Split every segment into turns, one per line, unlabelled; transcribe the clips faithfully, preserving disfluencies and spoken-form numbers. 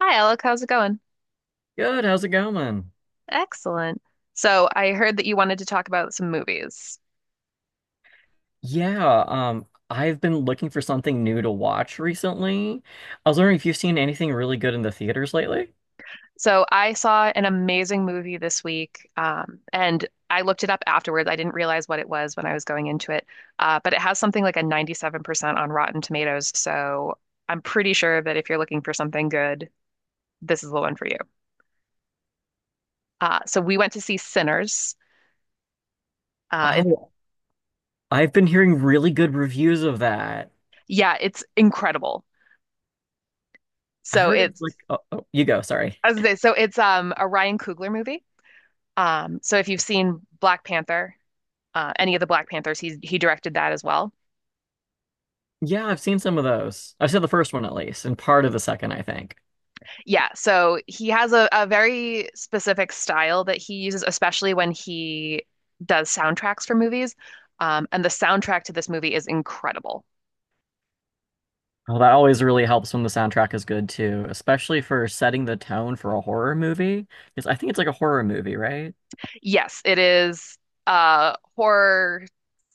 Hi, Alec. How's it going?
Good, how's it going?
Excellent. So, I heard that you wanted to talk about some movies.
Yeah, um, I've been looking for something new to watch recently. I was wondering if you've seen anything really good in the theaters lately?
So, I saw an amazing movie this week, um, and I looked it up afterwards. I didn't realize what it was when I was going into it, uh, but it has something like a ninety-seven percent on Rotten Tomatoes. So, I'm pretty sure that if you're looking for something good, this is the one for you. Uh, so, we went to see Sinners. Uh, it's
Oh, I've been hearing really good reviews of that.
Yeah, it's incredible.
I
So,
heard it's
it's
like, oh, oh, you go, sorry.
as they say, so it's um, a Ryan Coogler movie. Um, so if you've seen Black Panther, uh, any of the Black Panthers, he he directed that as well.
Yeah, I've seen some of those. I've seen the first one at least, and part of the second, I think.
Yeah, so he has a, a very specific style that he uses, especially when he does soundtracks for movies. Um, and the soundtrack to this movie is incredible.
Oh, that always really helps when the soundtrack is good too, especially for setting the tone for a horror movie. Because I think it's like a horror movie, right?
Yes, it is a horror,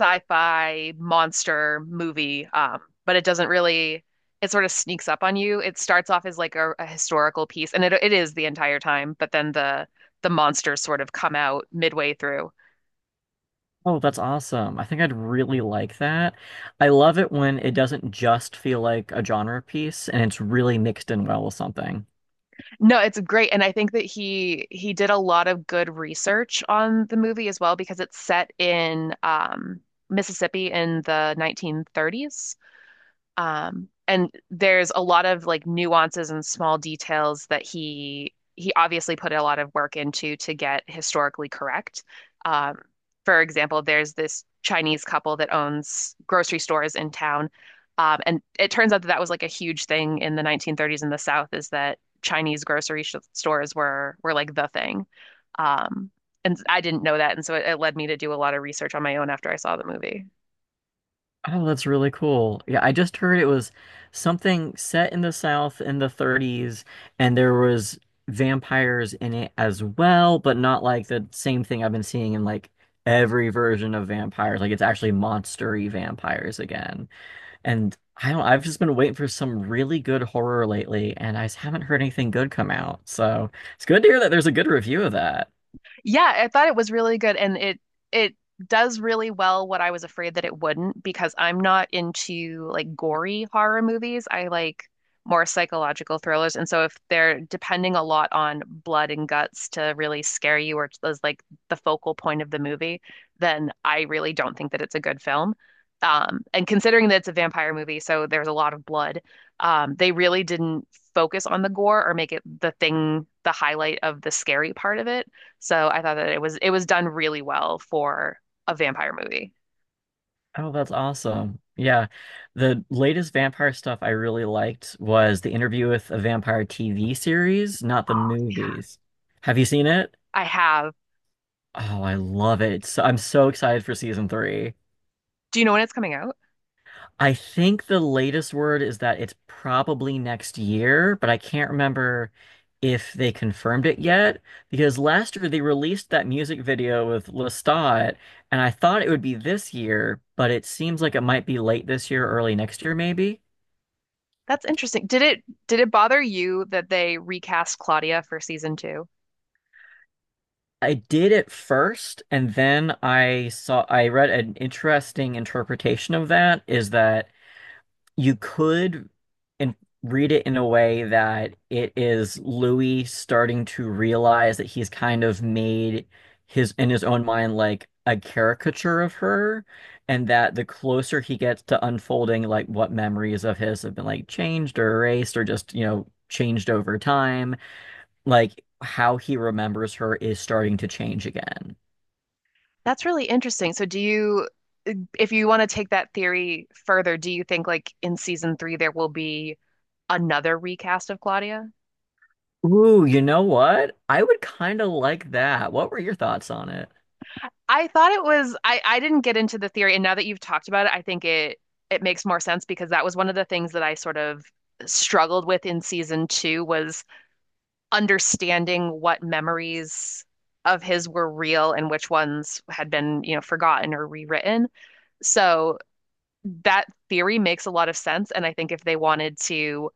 sci-fi, monster movie, um, but it doesn't really, it sort of sneaks up on you. It starts off as like a, a historical piece, and it, it is the entire time, but then the the monsters sort of come out midway through.
Oh, that's awesome. I think I'd really like that. I love it when it doesn't just feel like a genre piece and it's really mixed in well with something.
No, it's great, and I think that he he did a lot of good research on the movie as well because it's set in um, Mississippi in the nineteen thirties. Um, and there's a lot of like nuances and small details that he he obviously put a lot of work into to get historically correct. Um, for example, there's this Chinese couple that owns grocery stores in town, um, and it turns out that that was like a huge thing in the nineteen thirties in the South is that Chinese grocery sh stores were were like the thing. Um, and I didn't know that, and so it, it led me to do a lot of research on my own after I saw the movie.
Oh, that's really cool. Yeah, I just heard it was something set in the South in the thirties and there was vampires in it as well, but not like the same thing I've been seeing in like every version of vampires. Like it's actually monster-y vampires again. And I don't, I've just been waiting for some really good horror lately, and I just haven't heard anything good come out. So it's good to hear that there's a good review of that.
Yeah, I thought it was really good and it it does really well what I was afraid that it wouldn't because I'm not into like gory horror movies. I like more psychological thrillers, and so if they're depending a lot on blood and guts to really scare you or as like the focal point of the movie, then I really don't think that it's a good film. Um, and considering that it's a vampire movie, so there's a lot of blood, um, they really didn't focus on the gore or make it the thing, the highlight of the scary part of it. So I thought that it was it was done really well for a vampire movie.
Oh, that's awesome. Yeah. The latest vampire stuff I really liked was The Interview with a Vampire T V series, not the
Oh,
movies. Have you seen it?
I have.
Oh, I love it. So, I'm so excited for season three.
Do you know when it's coming out?
I think the latest word is that it's probably next year, but I can't remember if they confirmed it yet because last year they released that music video with Lestat, and I thought it would be this year, but it seems like it might be late this year, early next year, maybe.
That's interesting. Did it did it bother you that they recast Claudia for season two?
I did it first, and then I saw I read an interesting interpretation of that is that you could in, read it in a way that it is Louis starting to realize that he's kind of made his in his own mind like a caricature of her, and that the closer he gets to unfolding like what memories of his have been like changed or erased or just, you know, changed over time, like how he remembers her is starting to change again.
That's really interesting. So do you, if you want to take that theory further, do you think like in season three there will be another recast of Claudia?
Ooh, you know what? I would kind of like that. What were your thoughts on it?
I thought it was, I I didn't get into the theory, and now that you've talked about it, I think it it makes more sense because that was one of the things that I sort of struggled with in season two was understanding what memories of his were real and which ones had been, you know, forgotten or rewritten. So that theory makes a lot of sense. And I think if they wanted to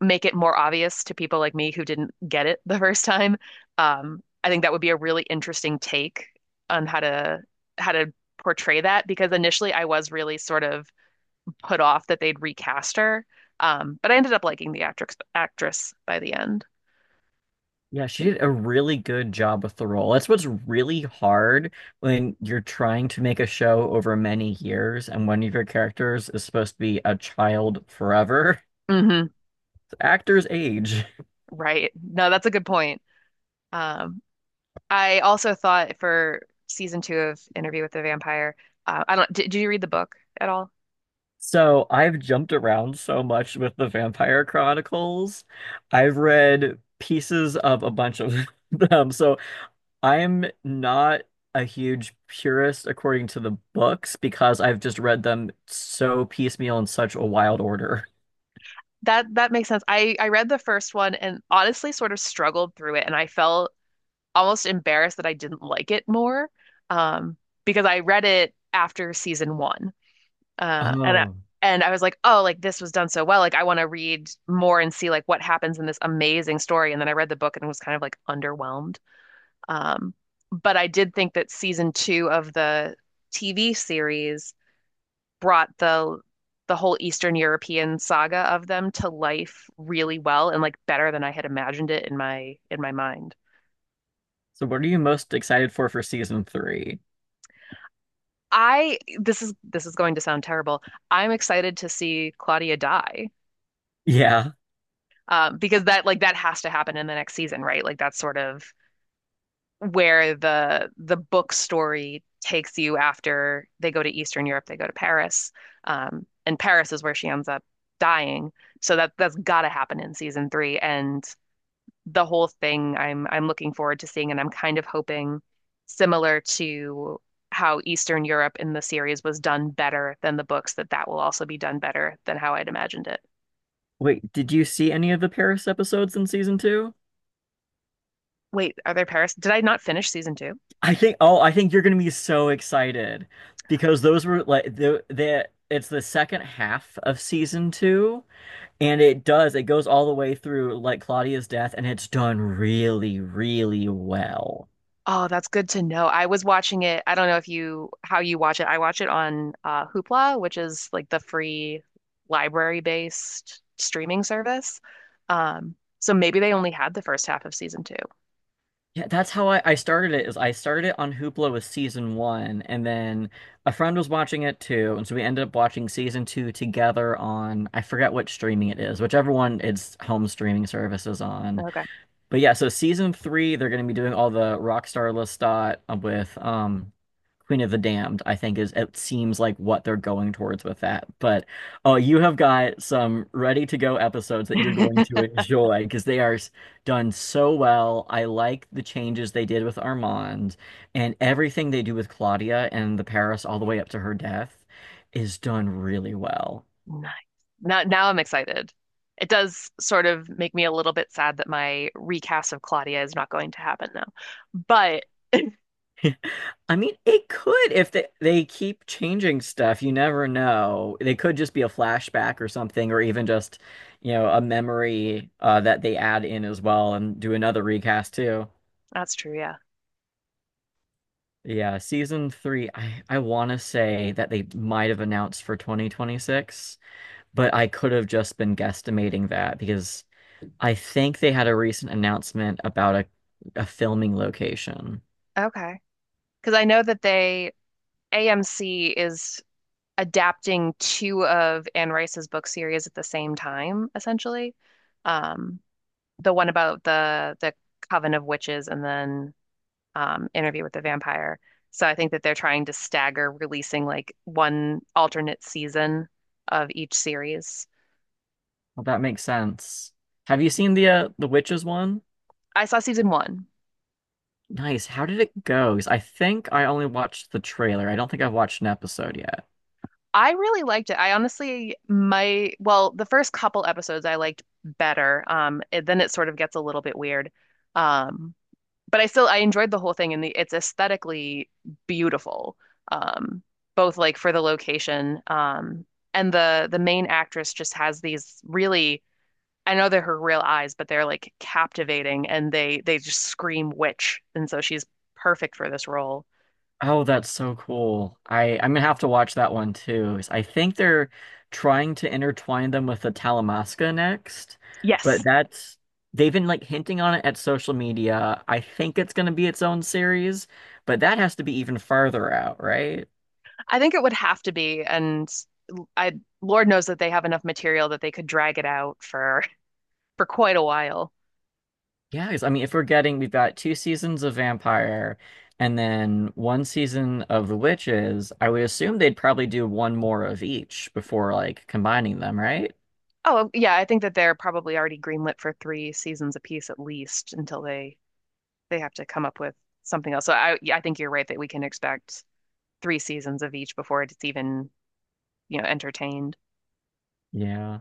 make it more obvious to people like me who didn't get it the first time, um, I think that would be a really interesting take on how to how to portray that because initially I was really sort of put off that they'd recast her. Um, but I ended up liking the actress actress by the end.
Yeah, she did a really good job with the role. That's what's really hard when you're trying to make a show over many years and one of your characters is supposed to be a child forever.
Hmm.
Actors age.
Right. No, that's a good point. Um, I also thought for season two of Interview with the Vampire, uh, I don't, did, did you read the book at all?
So I've jumped around so much with the Vampire Chronicles. I've read pieces of a bunch of them. So I'm not a huge purist according to the books because I've just read them so piecemeal in such a wild order.
That that makes sense. I I read the first one and honestly sort of struggled through it, and I felt almost embarrassed that I didn't like it more, um, because I read it after season one, uh, and I,
Oh.
and I was like, oh, like this was done so well, like I want to read more and see like what happens in this amazing story, and then I read the book and was kind of like underwhelmed. Um, but I did think that season two of the T V series brought the the whole Eastern European saga of them to life really well and like better than I had imagined it in my in my mind.
So what are you most excited for for season three?
I, this is this is going to sound terrible. I'm excited to see Claudia die,
Yeah.
um, because that, like that has to happen in the next season, right? Like that's sort of where the the book story takes you after they go to Eastern Europe, they go to Paris. Um, and Paris is where she ends up dying. So that that's gotta happen in season three. And the whole thing I'm I'm looking forward to seeing, and I'm kind of hoping, similar to how Eastern Europe in the series was done better than the books, that that will also be done better than how I'd imagined it.
Wait, did you see any of the Paris episodes in season two?
Wait, are there Paris? Did I not finish season two?
I think, oh, I think you're gonna be so excited because those were like the the it's the second half of season two, and it does it goes all the way through like Claudia's death, and it's done really, really well.
Oh, that's good to know. I was watching it. I don't know if you, how you watch it. I watch it on uh, Hoopla, which is like the free library-based streaming service. Um, so maybe they only had the first half of season two.
Yeah, that's how I, I started it is I started it on Hoopla with season one, and then a friend was watching it too, and so we ended up watching season two together on I forget what streaming it is, whichever one its home streaming service is on.
Okay.
But yeah, so season three, they're gonna be doing all the Rockstar Lestat with um Queen of the Damned, I think is it seems like what they're going towards with that. But oh, you have got some ready to go episodes that you're going to enjoy because they are s- done so well. I like the changes they did with Armand and everything they do with Claudia and the Paris all the way up to her death is done really well.
Nice. Now, now I'm excited. It does sort of make me a little bit sad that my recast of Claudia is not going to happen though. But
I mean, it could if they, they keep changing stuff, you never know. They could just be a flashback or something, or even just, you know, a memory uh, that they add in as well and do another recast too.
that's true, yeah.
Yeah, season three, I, I want to say that they might have announced for twenty twenty-six, but I could have just been guesstimating that because I think they had a recent announcement about a, a filming location.
Okay. Because I know that they A M C is adapting two of Anne Rice's book series at the same time, essentially. Um, the one about the the Coven of Witches, and then um, Interview with the Vampire. So I think that they're trying to stagger releasing like one alternate season of each series.
Well, that makes sense. Have you seen the uh, the Witches one?
I saw season one.
Nice. How did it go? 'Cause I think I only watched the trailer. I don't think I've watched an episode yet.
I really liked it. I honestly, my, well, the first couple episodes I liked better. Um, it, then it sort of gets a little bit weird. Um, but I still, I enjoyed the whole thing and the, it's aesthetically beautiful. Um, Both like for the location, um, and the the main actress just has these really, I know they're her real eyes, but they're like captivating and they they just scream witch. And so she's perfect for this role.
Oh, that's so cool. I I'm gonna have to watch that one too. 'Cause I think they're trying to intertwine them with the Talamasca next,
Yes,
but that's they've been like hinting on it at social media. I think it's gonna be its own series, but that has to be even farther out, right?
I think it would have to be. And I, Lord knows that they have enough material that they could drag it out for for quite a while.
Yeah, because I mean, if we're getting, we've got two seasons of Vampire and then one season of The Witches, I would assume they'd probably do one more of each before like combining them, right?
Oh, yeah, I think that they're probably already greenlit for three seasons apiece, at least until they they have to come up with something else. So I, yeah, I think you're right that we can expect three seasons of each before it's even, you know, entertained.
Yeah.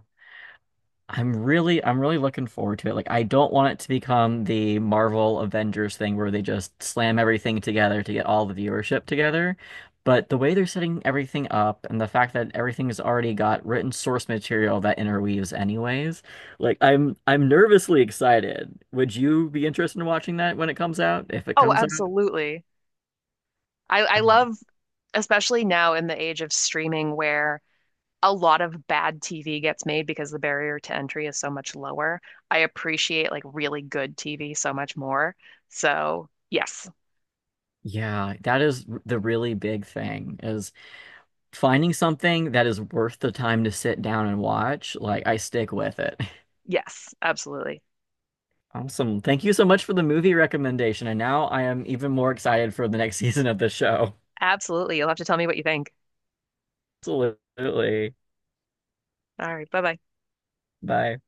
I'm really I'm really looking forward to it. Like I don't want it to become the Marvel Avengers thing where they just slam everything together to get all the viewership together. But the way they're setting everything up and the fact that everything has already got written source material that interweaves anyways, like I'm I'm nervously excited. Would you be interested in watching that when it comes out? If it
Oh,
comes out?
absolutely. I I
Um,
love, especially now in the age of streaming where a lot of bad T V gets made because the barrier to entry is so much lower. I appreciate like really good T V so much more. So, yes.
yeah, that is r- the really big thing is finding something that is worth the time to sit down and watch. Like I stick with it.
Yes, absolutely.
Awesome. Thank you so much for the movie recommendation. And now I am even more excited for the next season of the show.
Absolutely. You'll have to tell me what you think.
Absolutely.
All right. Bye bye.
Bye.